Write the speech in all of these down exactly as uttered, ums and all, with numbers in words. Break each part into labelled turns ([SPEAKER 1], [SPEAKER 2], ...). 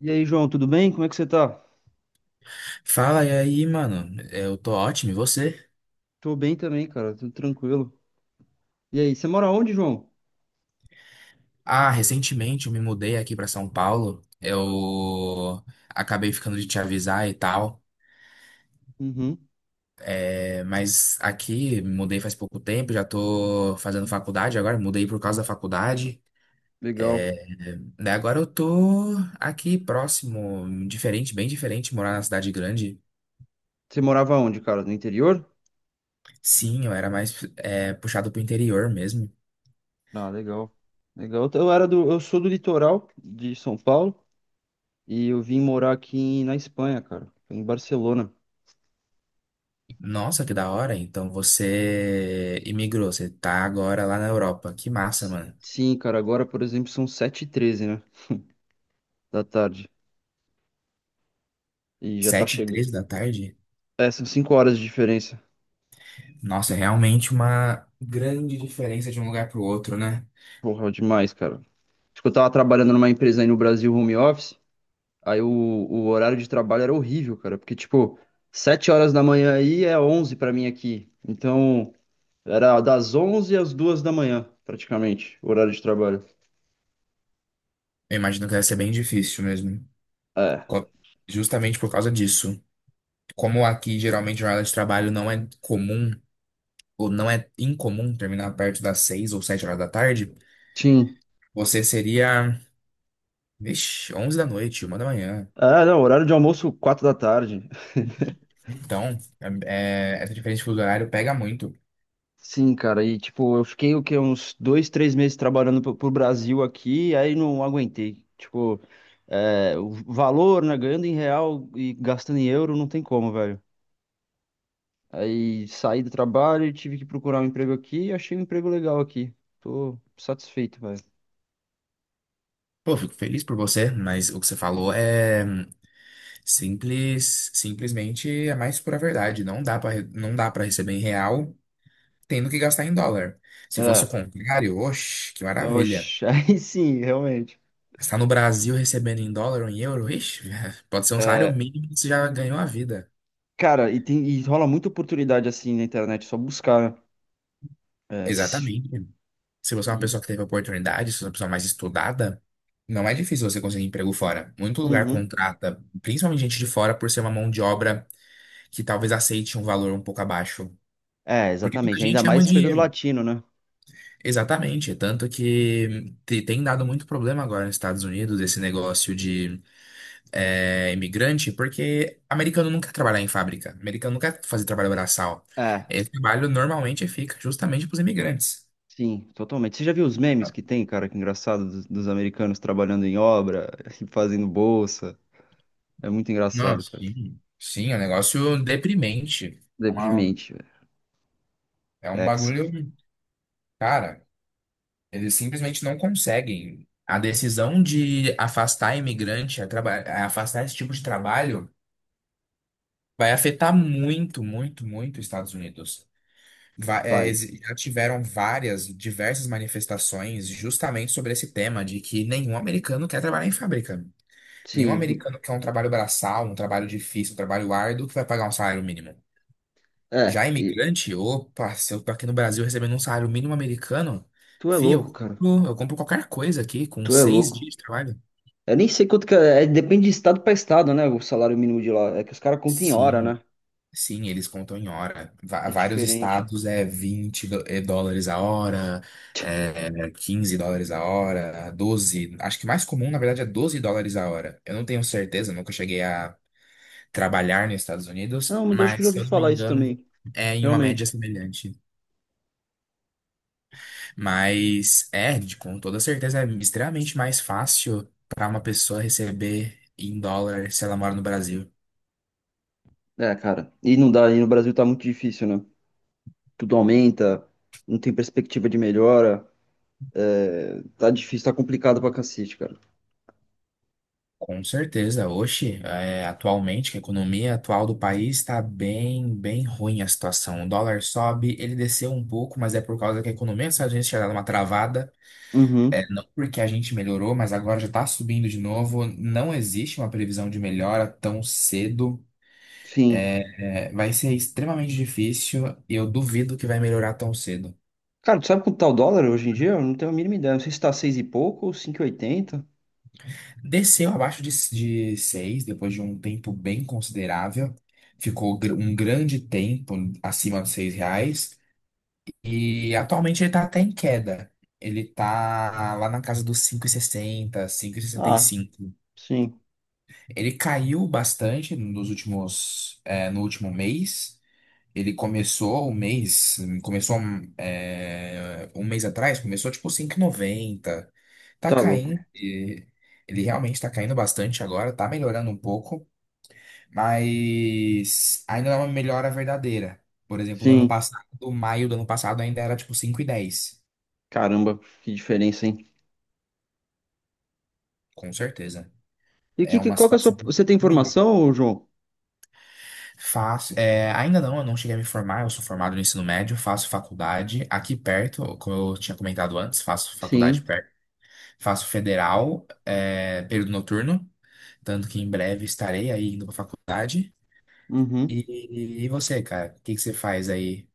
[SPEAKER 1] E aí, João, tudo bem? Como é que você tá?
[SPEAKER 2] Fala, e aí, mano? Eu tô ótimo, e você?
[SPEAKER 1] Tô bem também, cara, tudo tranquilo. E aí, você mora onde, João?
[SPEAKER 2] Ah, recentemente eu me mudei aqui pra São Paulo. Eu acabei ficando de te avisar e tal.
[SPEAKER 1] Uhum,
[SPEAKER 2] É, mas aqui, me mudei faz pouco tempo, já tô fazendo faculdade agora, mudei por causa da faculdade.
[SPEAKER 1] legal.
[SPEAKER 2] Daí agora eu tô aqui próximo, diferente, bem diferente, morar na cidade grande.
[SPEAKER 1] Você morava onde, cara? No interior?
[SPEAKER 2] Sim, eu era mais é, puxado pro interior mesmo.
[SPEAKER 1] Ah, legal. Legal. Eu era do, eu sou do litoral de São Paulo e eu vim morar aqui em- na Espanha, cara, em Barcelona.
[SPEAKER 2] Nossa, que da hora. Então você imigrou, você tá agora lá na Europa. Que massa, mano.
[SPEAKER 1] Sim, cara, agora, por exemplo, são sete e treze, né, da tarde. E já tá
[SPEAKER 2] Sete e
[SPEAKER 1] chegando.
[SPEAKER 2] três da tarde?
[SPEAKER 1] É, são 5 horas de diferença.
[SPEAKER 2] Nossa, é realmente uma grande diferença de um lugar pro outro, né?
[SPEAKER 1] Porra, demais, cara. Acho que eu tava trabalhando numa empresa aí no Brasil, home office. Aí o, o horário de trabalho era horrível, cara, porque, tipo, sete horas da manhã aí é onze pra mim aqui. Então, era das onze às duas da manhã, praticamente, o horário de trabalho.
[SPEAKER 2] Eu imagino que deve ser bem difícil mesmo.
[SPEAKER 1] É,
[SPEAKER 2] Co- Justamente por causa disso. Como aqui geralmente a jornada de trabalho não é comum, ou não é incomum terminar perto das seis ou sete horas da tarde,
[SPEAKER 1] sim.
[SPEAKER 2] você seria, vixi, onze da noite, uma da manhã.
[SPEAKER 1] É, não, horário de almoço, quatro da tarde.
[SPEAKER 2] Então, é- é- essa diferença de fuso horário pega muito.
[SPEAKER 1] Sim, cara, e, tipo, eu fiquei, o quê, uns dois, três meses trabalhando pro, pro Brasil aqui, aí não aguentei. Tipo, é, o valor, né, ganhando em real e gastando em euro, não tem como, velho. Aí saí do trabalho e tive que procurar um emprego aqui e achei um emprego legal aqui. Tô satisfeito, velho.
[SPEAKER 2] Pô, fico feliz por você, mas o que você falou é. Simples, simplesmente é mais pura verdade. Não dá para não dá para receber em real, tendo que gastar em dólar. Se fosse o
[SPEAKER 1] É,
[SPEAKER 2] contrário, oxe, que maravilha.
[SPEAKER 1] oxe, aí sim, realmente.
[SPEAKER 2] Estar no Brasil recebendo em dólar ou em euro, ixi, pode ser um salário
[SPEAKER 1] É,
[SPEAKER 2] mínimo que você já ganhou a vida.
[SPEAKER 1] cara, e, tem, e rola muita oportunidade assim na internet, é só buscar. né? É, s-
[SPEAKER 2] Exatamente. Se você é uma
[SPEAKER 1] e-
[SPEAKER 2] pessoa que teve oportunidade, se você é uma pessoa mais estudada, não é difícil você conseguir emprego fora. Muito lugar
[SPEAKER 1] Uhum.
[SPEAKER 2] contrata, principalmente gente de fora, por ser uma mão de obra que talvez aceite um valor um pouco abaixo.
[SPEAKER 1] É,
[SPEAKER 2] Porque muita
[SPEAKER 1] exatamente. Ainda
[SPEAKER 2] gente ama
[SPEAKER 1] mais pegando
[SPEAKER 2] dinheiro.
[SPEAKER 1] latino, né?
[SPEAKER 2] Exatamente, tanto que te- tem dado muito problema agora nos Estados Unidos esse negócio de é, imigrante, porque americano nunca trabalhar em fábrica, americano nunca fazer trabalho braçal.
[SPEAKER 1] É,
[SPEAKER 2] Esse trabalho normalmente fica justamente para os imigrantes.
[SPEAKER 1] sim, totalmente. Você já viu os memes que tem, cara? Que é engraçado, dos, dos americanos trabalhando em obra e fazendo bolsa. É muito engraçado,
[SPEAKER 2] Nossa,
[SPEAKER 1] cara.
[SPEAKER 2] sim, sim, é um negócio deprimente. É uma,
[SPEAKER 1] Deprimente, velho.
[SPEAKER 2] é um
[SPEAKER 1] Exa,
[SPEAKER 2] bagulho, cara, eles simplesmente não conseguem. A decisão de afastar imigrante, a traba- a afastar esse tipo de trabalho. Vai afetar muito, muito, muito os Estados Unidos. Va- é,
[SPEAKER 1] pai.
[SPEAKER 2] exi- já tiveram várias, diversas manifestações justamente sobre esse tema de que nenhum americano quer trabalhar em fábrica. Nenhum
[SPEAKER 1] Sim.
[SPEAKER 2] americano quer um trabalho braçal, um trabalho difícil, um trabalho árduo que vai pagar um salário mínimo. Já
[SPEAKER 1] É, e
[SPEAKER 2] imigrante, opa, se eu tô aqui no Brasil recebendo um salário mínimo americano,
[SPEAKER 1] tu é
[SPEAKER 2] fio,
[SPEAKER 1] louco,
[SPEAKER 2] eu
[SPEAKER 1] cara.
[SPEAKER 2] compro, eu compro qualquer coisa aqui com
[SPEAKER 1] Tu é
[SPEAKER 2] seis
[SPEAKER 1] louco.
[SPEAKER 2] dias de trabalho.
[SPEAKER 1] Eu nem sei quanto que é, é, depende de estado pra estado, né? O salário mínimo de lá. É que os caras contam em hora, né?
[SPEAKER 2] Sim, sim, eles contam em hora. Va-
[SPEAKER 1] É
[SPEAKER 2] Vários
[SPEAKER 1] diferente.
[SPEAKER 2] estados é vinte do- é, dólares a hora, é quinze dólares a hora, doze acho que mais comum, na verdade, é doze dólares a hora. Eu não tenho certeza, nunca cheguei a trabalhar nos Estados Unidos,
[SPEAKER 1] Não, mas eu acho que eu
[SPEAKER 2] mas
[SPEAKER 1] já
[SPEAKER 2] se
[SPEAKER 1] ouvi
[SPEAKER 2] eu não me
[SPEAKER 1] falar isso
[SPEAKER 2] engano,
[SPEAKER 1] também.
[SPEAKER 2] é em uma média
[SPEAKER 1] Realmente.
[SPEAKER 2] semelhante. Mas é, de- com toda certeza, é extremamente mais fácil para uma pessoa receber em dólar se ela mora no Brasil.
[SPEAKER 1] É, cara. E não dá, e no Brasil tá muito difícil, né? Tudo aumenta, não tem perspectiva de melhora. É, tá difícil, tá complicado pra cacete, cara.
[SPEAKER 2] Com certeza, hoje, é, atualmente, que a economia atual do país está bem, bem ruim a situação. O dólar sobe, ele desceu um pouco, mas é por causa que a economia dos Estados Unidos tinha dado uma travada. É,
[SPEAKER 1] Uhum,
[SPEAKER 2] não porque a gente melhorou, mas agora já está subindo de novo. Não existe uma previsão de melhora tão cedo.
[SPEAKER 1] sim.
[SPEAKER 2] É, vai ser extremamente difícil e eu duvido que vai melhorar tão cedo.
[SPEAKER 1] Cara, tu sabe quanto tá o dólar hoje em dia? Eu não tenho a mínima ideia. Não sei se tá seis e pouco ou cinco e oitenta.
[SPEAKER 2] Desceu abaixo de, de seis depois de um tempo bem considerável. Ficou gr- um grande tempo acima dos seis reais. E atualmente ele tá até em queda. Ele tá lá na casa dos cinco e sessenta,
[SPEAKER 1] Ah,
[SPEAKER 2] cinco e sessenta e cinco.
[SPEAKER 1] sim.
[SPEAKER 2] Ele caiu bastante nos últimos, é, no último mês. Ele começou o mês, começou é, um mês atrás, começou tipo cinco e noventa. Tá
[SPEAKER 1] Tá louco.
[SPEAKER 2] caindo. E ele realmente tá caindo bastante agora, tá melhorando um pouco, mas ainda não é uma melhora verdadeira. Por exemplo, no ano
[SPEAKER 1] Sim.
[SPEAKER 2] passado, maio do ano passado ainda era tipo cinco e dez.
[SPEAKER 1] Caramba, que diferença, hein?
[SPEAKER 2] Com certeza.
[SPEAKER 1] E
[SPEAKER 2] É
[SPEAKER 1] que, que-
[SPEAKER 2] uma
[SPEAKER 1] qual que é a sua.
[SPEAKER 2] situação
[SPEAKER 1] Você tem
[SPEAKER 2] melhor.
[SPEAKER 1] formação, João?
[SPEAKER 2] Faço, é, ainda não, eu não cheguei a me formar, eu sou formado no ensino médio, faço faculdade aqui perto, como eu tinha comentado antes, faço faculdade
[SPEAKER 1] Sim.
[SPEAKER 2] perto, faço federal, é, período noturno, tanto que em breve estarei aí indo para faculdade.
[SPEAKER 1] Uhum.
[SPEAKER 2] E, e você, cara, o que que você faz aí?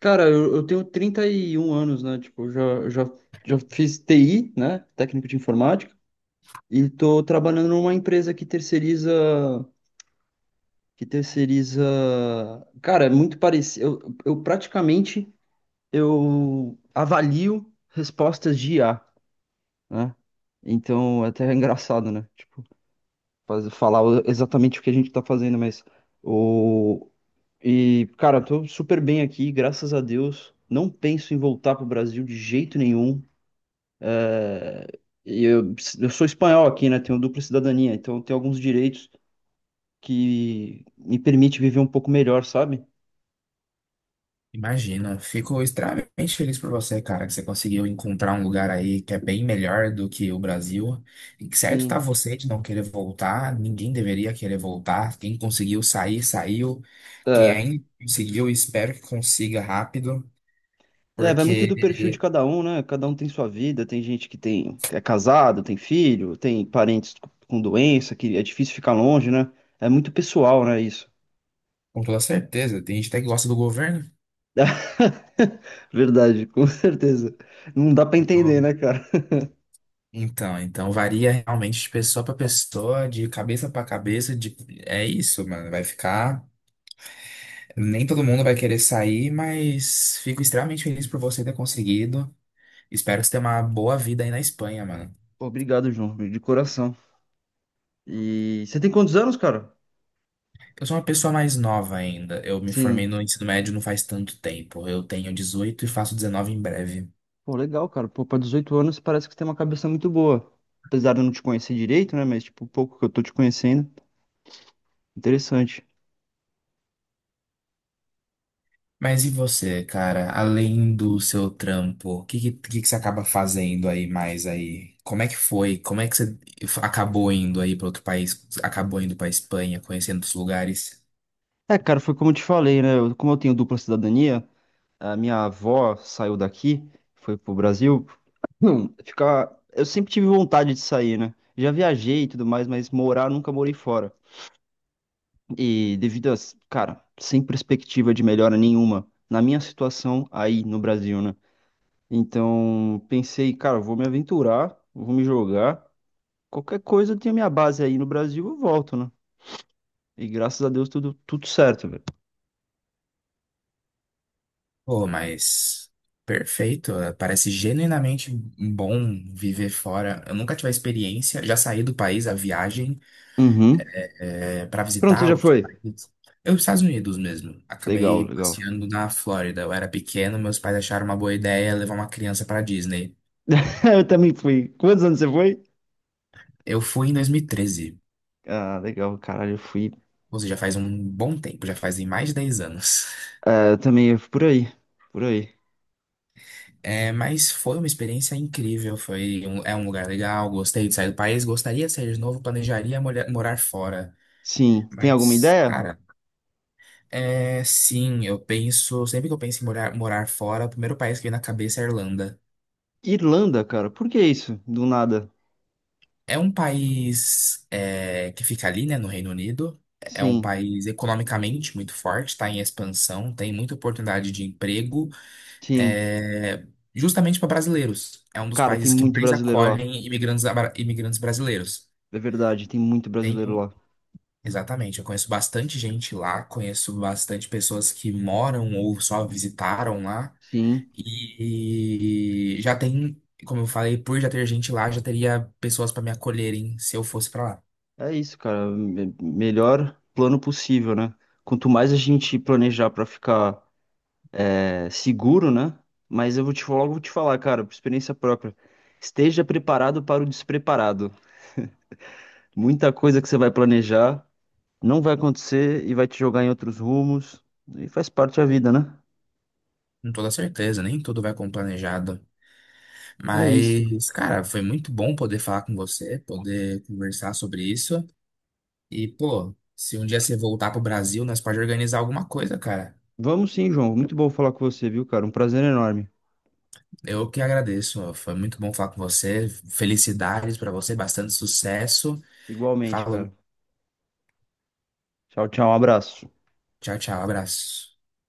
[SPEAKER 1] Cara, eu, eu tenho trinta e um anos, né? Tipo, eu já, já, já fiz T I, né? Técnico de informática. E tô trabalhando numa empresa que terceiriza. Que terceiriza. Cara, é muito parecido. Eu, eu praticamente eu avalio respostas de I A, né? Então, até é engraçado, né? Tipo, faz- falar o- exatamente o que a gente tá fazendo, mas. O, E, cara, tô super bem aqui, graças a Deus. Não penso em voltar pro Brasil de jeito nenhum. É, e Eu, eu sou espanhol aqui, né? Tenho dupla cidadania, então tenho alguns direitos que me permite viver um pouco melhor, sabe?
[SPEAKER 2] Imagino, fico extremamente feliz por você, cara, que você conseguiu encontrar um lugar aí que é bem melhor do que o Brasil. E que certo tá
[SPEAKER 1] Sim.
[SPEAKER 2] você de não querer voltar, ninguém deveria querer voltar. Quem conseguiu sair, saiu. Quem
[SPEAKER 1] É.
[SPEAKER 2] ainda conseguiu, espero que consiga rápido,
[SPEAKER 1] É, vai muito do perfil de
[SPEAKER 2] porque
[SPEAKER 1] cada um, né? Cada um tem sua vida, tem gente que tem, que é casado, tem filho, tem parentes com doença, que é difícil ficar longe, né? É muito pessoal, né, isso?
[SPEAKER 2] com toda certeza, tem gente até que gosta do governo.
[SPEAKER 1] Verdade, com certeza. Não dá pra
[SPEAKER 2] Então,
[SPEAKER 1] entender, né, cara?
[SPEAKER 2] então então varia realmente de pessoa para pessoa, de cabeça para cabeça, de... é isso, mano, vai ficar. Nem todo mundo vai querer sair, mas fico extremamente feliz por você ter conseguido. Espero que você tenha uma boa vida aí na Espanha, mano.
[SPEAKER 1] Pô, obrigado, João, de coração. E você tem quantos anos, cara?
[SPEAKER 2] Eu sou uma pessoa mais nova ainda. Eu me formei
[SPEAKER 1] Sim.
[SPEAKER 2] no ensino médio não faz tanto tempo. Eu tenho dezoito e faço dezenove em breve.
[SPEAKER 1] Pô, legal, cara. Pô, pra 18 anos parece que você tem uma cabeça muito boa. Apesar de eu não te conhecer direito, né? Mas, tipo, o pouco que eu tô te conhecendo, interessante.
[SPEAKER 2] Mas e você, cara? Além do seu trampo, o que, que, que que você acaba fazendo aí mais aí? Como é que foi? Como é que você acabou indo aí para outro país? Acabou indo para Espanha, conhecendo os lugares?
[SPEAKER 1] É, cara, foi como eu te falei, né? eu- Como eu tenho dupla cidadania, a minha avó saiu daqui, foi pro Brasil. Não, ficar. Eu sempre tive vontade de sair, né? Já viajei e tudo mais, mas morar nunca morei fora. E devido a, cara, sem perspectiva de melhora nenhuma na minha situação aí no Brasil, né? Então, pensei, cara, vou me aventurar, vou me jogar. Qualquer coisa, eu tenho minha base aí no Brasil, eu volto, né? E graças a Deus tudo, tudo certo, velho.
[SPEAKER 2] Pô, mas perfeito. eh, Parece genuinamente um bom viver fora. Eu nunca tive a experiência, já saí do país a viagem
[SPEAKER 1] Uhum.
[SPEAKER 2] é, para
[SPEAKER 1] Pronto, você
[SPEAKER 2] visitar
[SPEAKER 1] já
[SPEAKER 2] outros
[SPEAKER 1] foi?
[SPEAKER 2] países. Eu, Estados Unidos mesmo.
[SPEAKER 1] Legal,
[SPEAKER 2] Acabei
[SPEAKER 1] legal.
[SPEAKER 2] passeando na Flórida. Eu era pequeno, meus pais acharam uma boa ideia levar uma criança para Disney.
[SPEAKER 1] Eu também fui. Quantos anos você foi?
[SPEAKER 2] Eu fui em dois mil e treze,
[SPEAKER 1] Ah, legal, caralho, eu fui.
[SPEAKER 2] ou seja, faz um bom tempo, já fazem mais de dez anos.
[SPEAKER 1] É, eu também, eu fui por aí, por aí.
[SPEAKER 2] É, mas foi uma experiência incrível, foi um- é um lugar legal, gostei de sair do país, gostaria de sair de novo, planejaria molha- morar fora.
[SPEAKER 1] Sim, tem alguma
[SPEAKER 2] Mas,
[SPEAKER 1] ideia?
[SPEAKER 2] cara, é sim, eu penso, sempre que eu penso em morar, morar fora, o primeiro país que vem na cabeça é a Irlanda.
[SPEAKER 1] Irlanda, cara, por que isso? Do nada.
[SPEAKER 2] É um país é, que fica ali, né, no Reino Unido. É um
[SPEAKER 1] Sim,
[SPEAKER 2] país economicamente muito forte, está em expansão, tem muita oportunidade de emprego,
[SPEAKER 1] sim.
[SPEAKER 2] é, justamente para brasileiros. É um dos
[SPEAKER 1] Cara, tem
[SPEAKER 2] países que
[SPEAKER 1] muito
[SPEAKER 2] mais
[SPEAKER 1] brasileiro lá.
[SPEAKER 2] acolhem imigrantes, abra- imigrantes brasileiros.
[SPEAKER 1] É verdade, tem muito brasileiro
[SPEAKER 2] Tenho,
[SPEAKER 1] lá.
[SPEAKER 2] exatamente, eu conheço bastante gente lá, conheço bastante pessoas que moram ou só visitaram lá.
[SPEAKER 1] Sim,
[SPEAKER 2] E, e já tem, como eu falei, por já ter gente lá, já teria pessoas para me acolherem se eu fosse para lá.
[SPEAKER 1] é isso, cara. Me- Melhor plano possível, né? Quanto mais a gente planejar pra ficar é, seguro, né? Mas eu vou te falar, logo vou te falar, cara, por experiência própria. Esteja preparado para o despreparado. Muita coisa que você vai planejar não vai acontecer e vai te jogar em outros rumos. E faz parte da vida, né?
[SPEAKER 2] Com toda certeza, nem tudo vai como planejado.
[SPEAKER 1] É isso.
[SPEAKER 2] Mas, cara, foi muito bom poder falar com você, poder conversar sobre isso. E, pô, se um dia você voltar pro Brasil, nós pode organizar alguma coisa, cara.
[SPEAKER 1] Vamos sim, João. Muito bom falar com você, viu, cara? Um prazer enorme.
[SPEAKER 2] Eu que agradeço. Ó. Foi muito bom falar com você. Felicidades para você, bastante sucesso.
[SPEAKER 1] Igualmente,
[SPEAKER 2] Falou.
[SPEAKER 1] cara. Tchau, tchau. Um abraço.
[SPEAKER 2] Tchau, tchau. Abraço.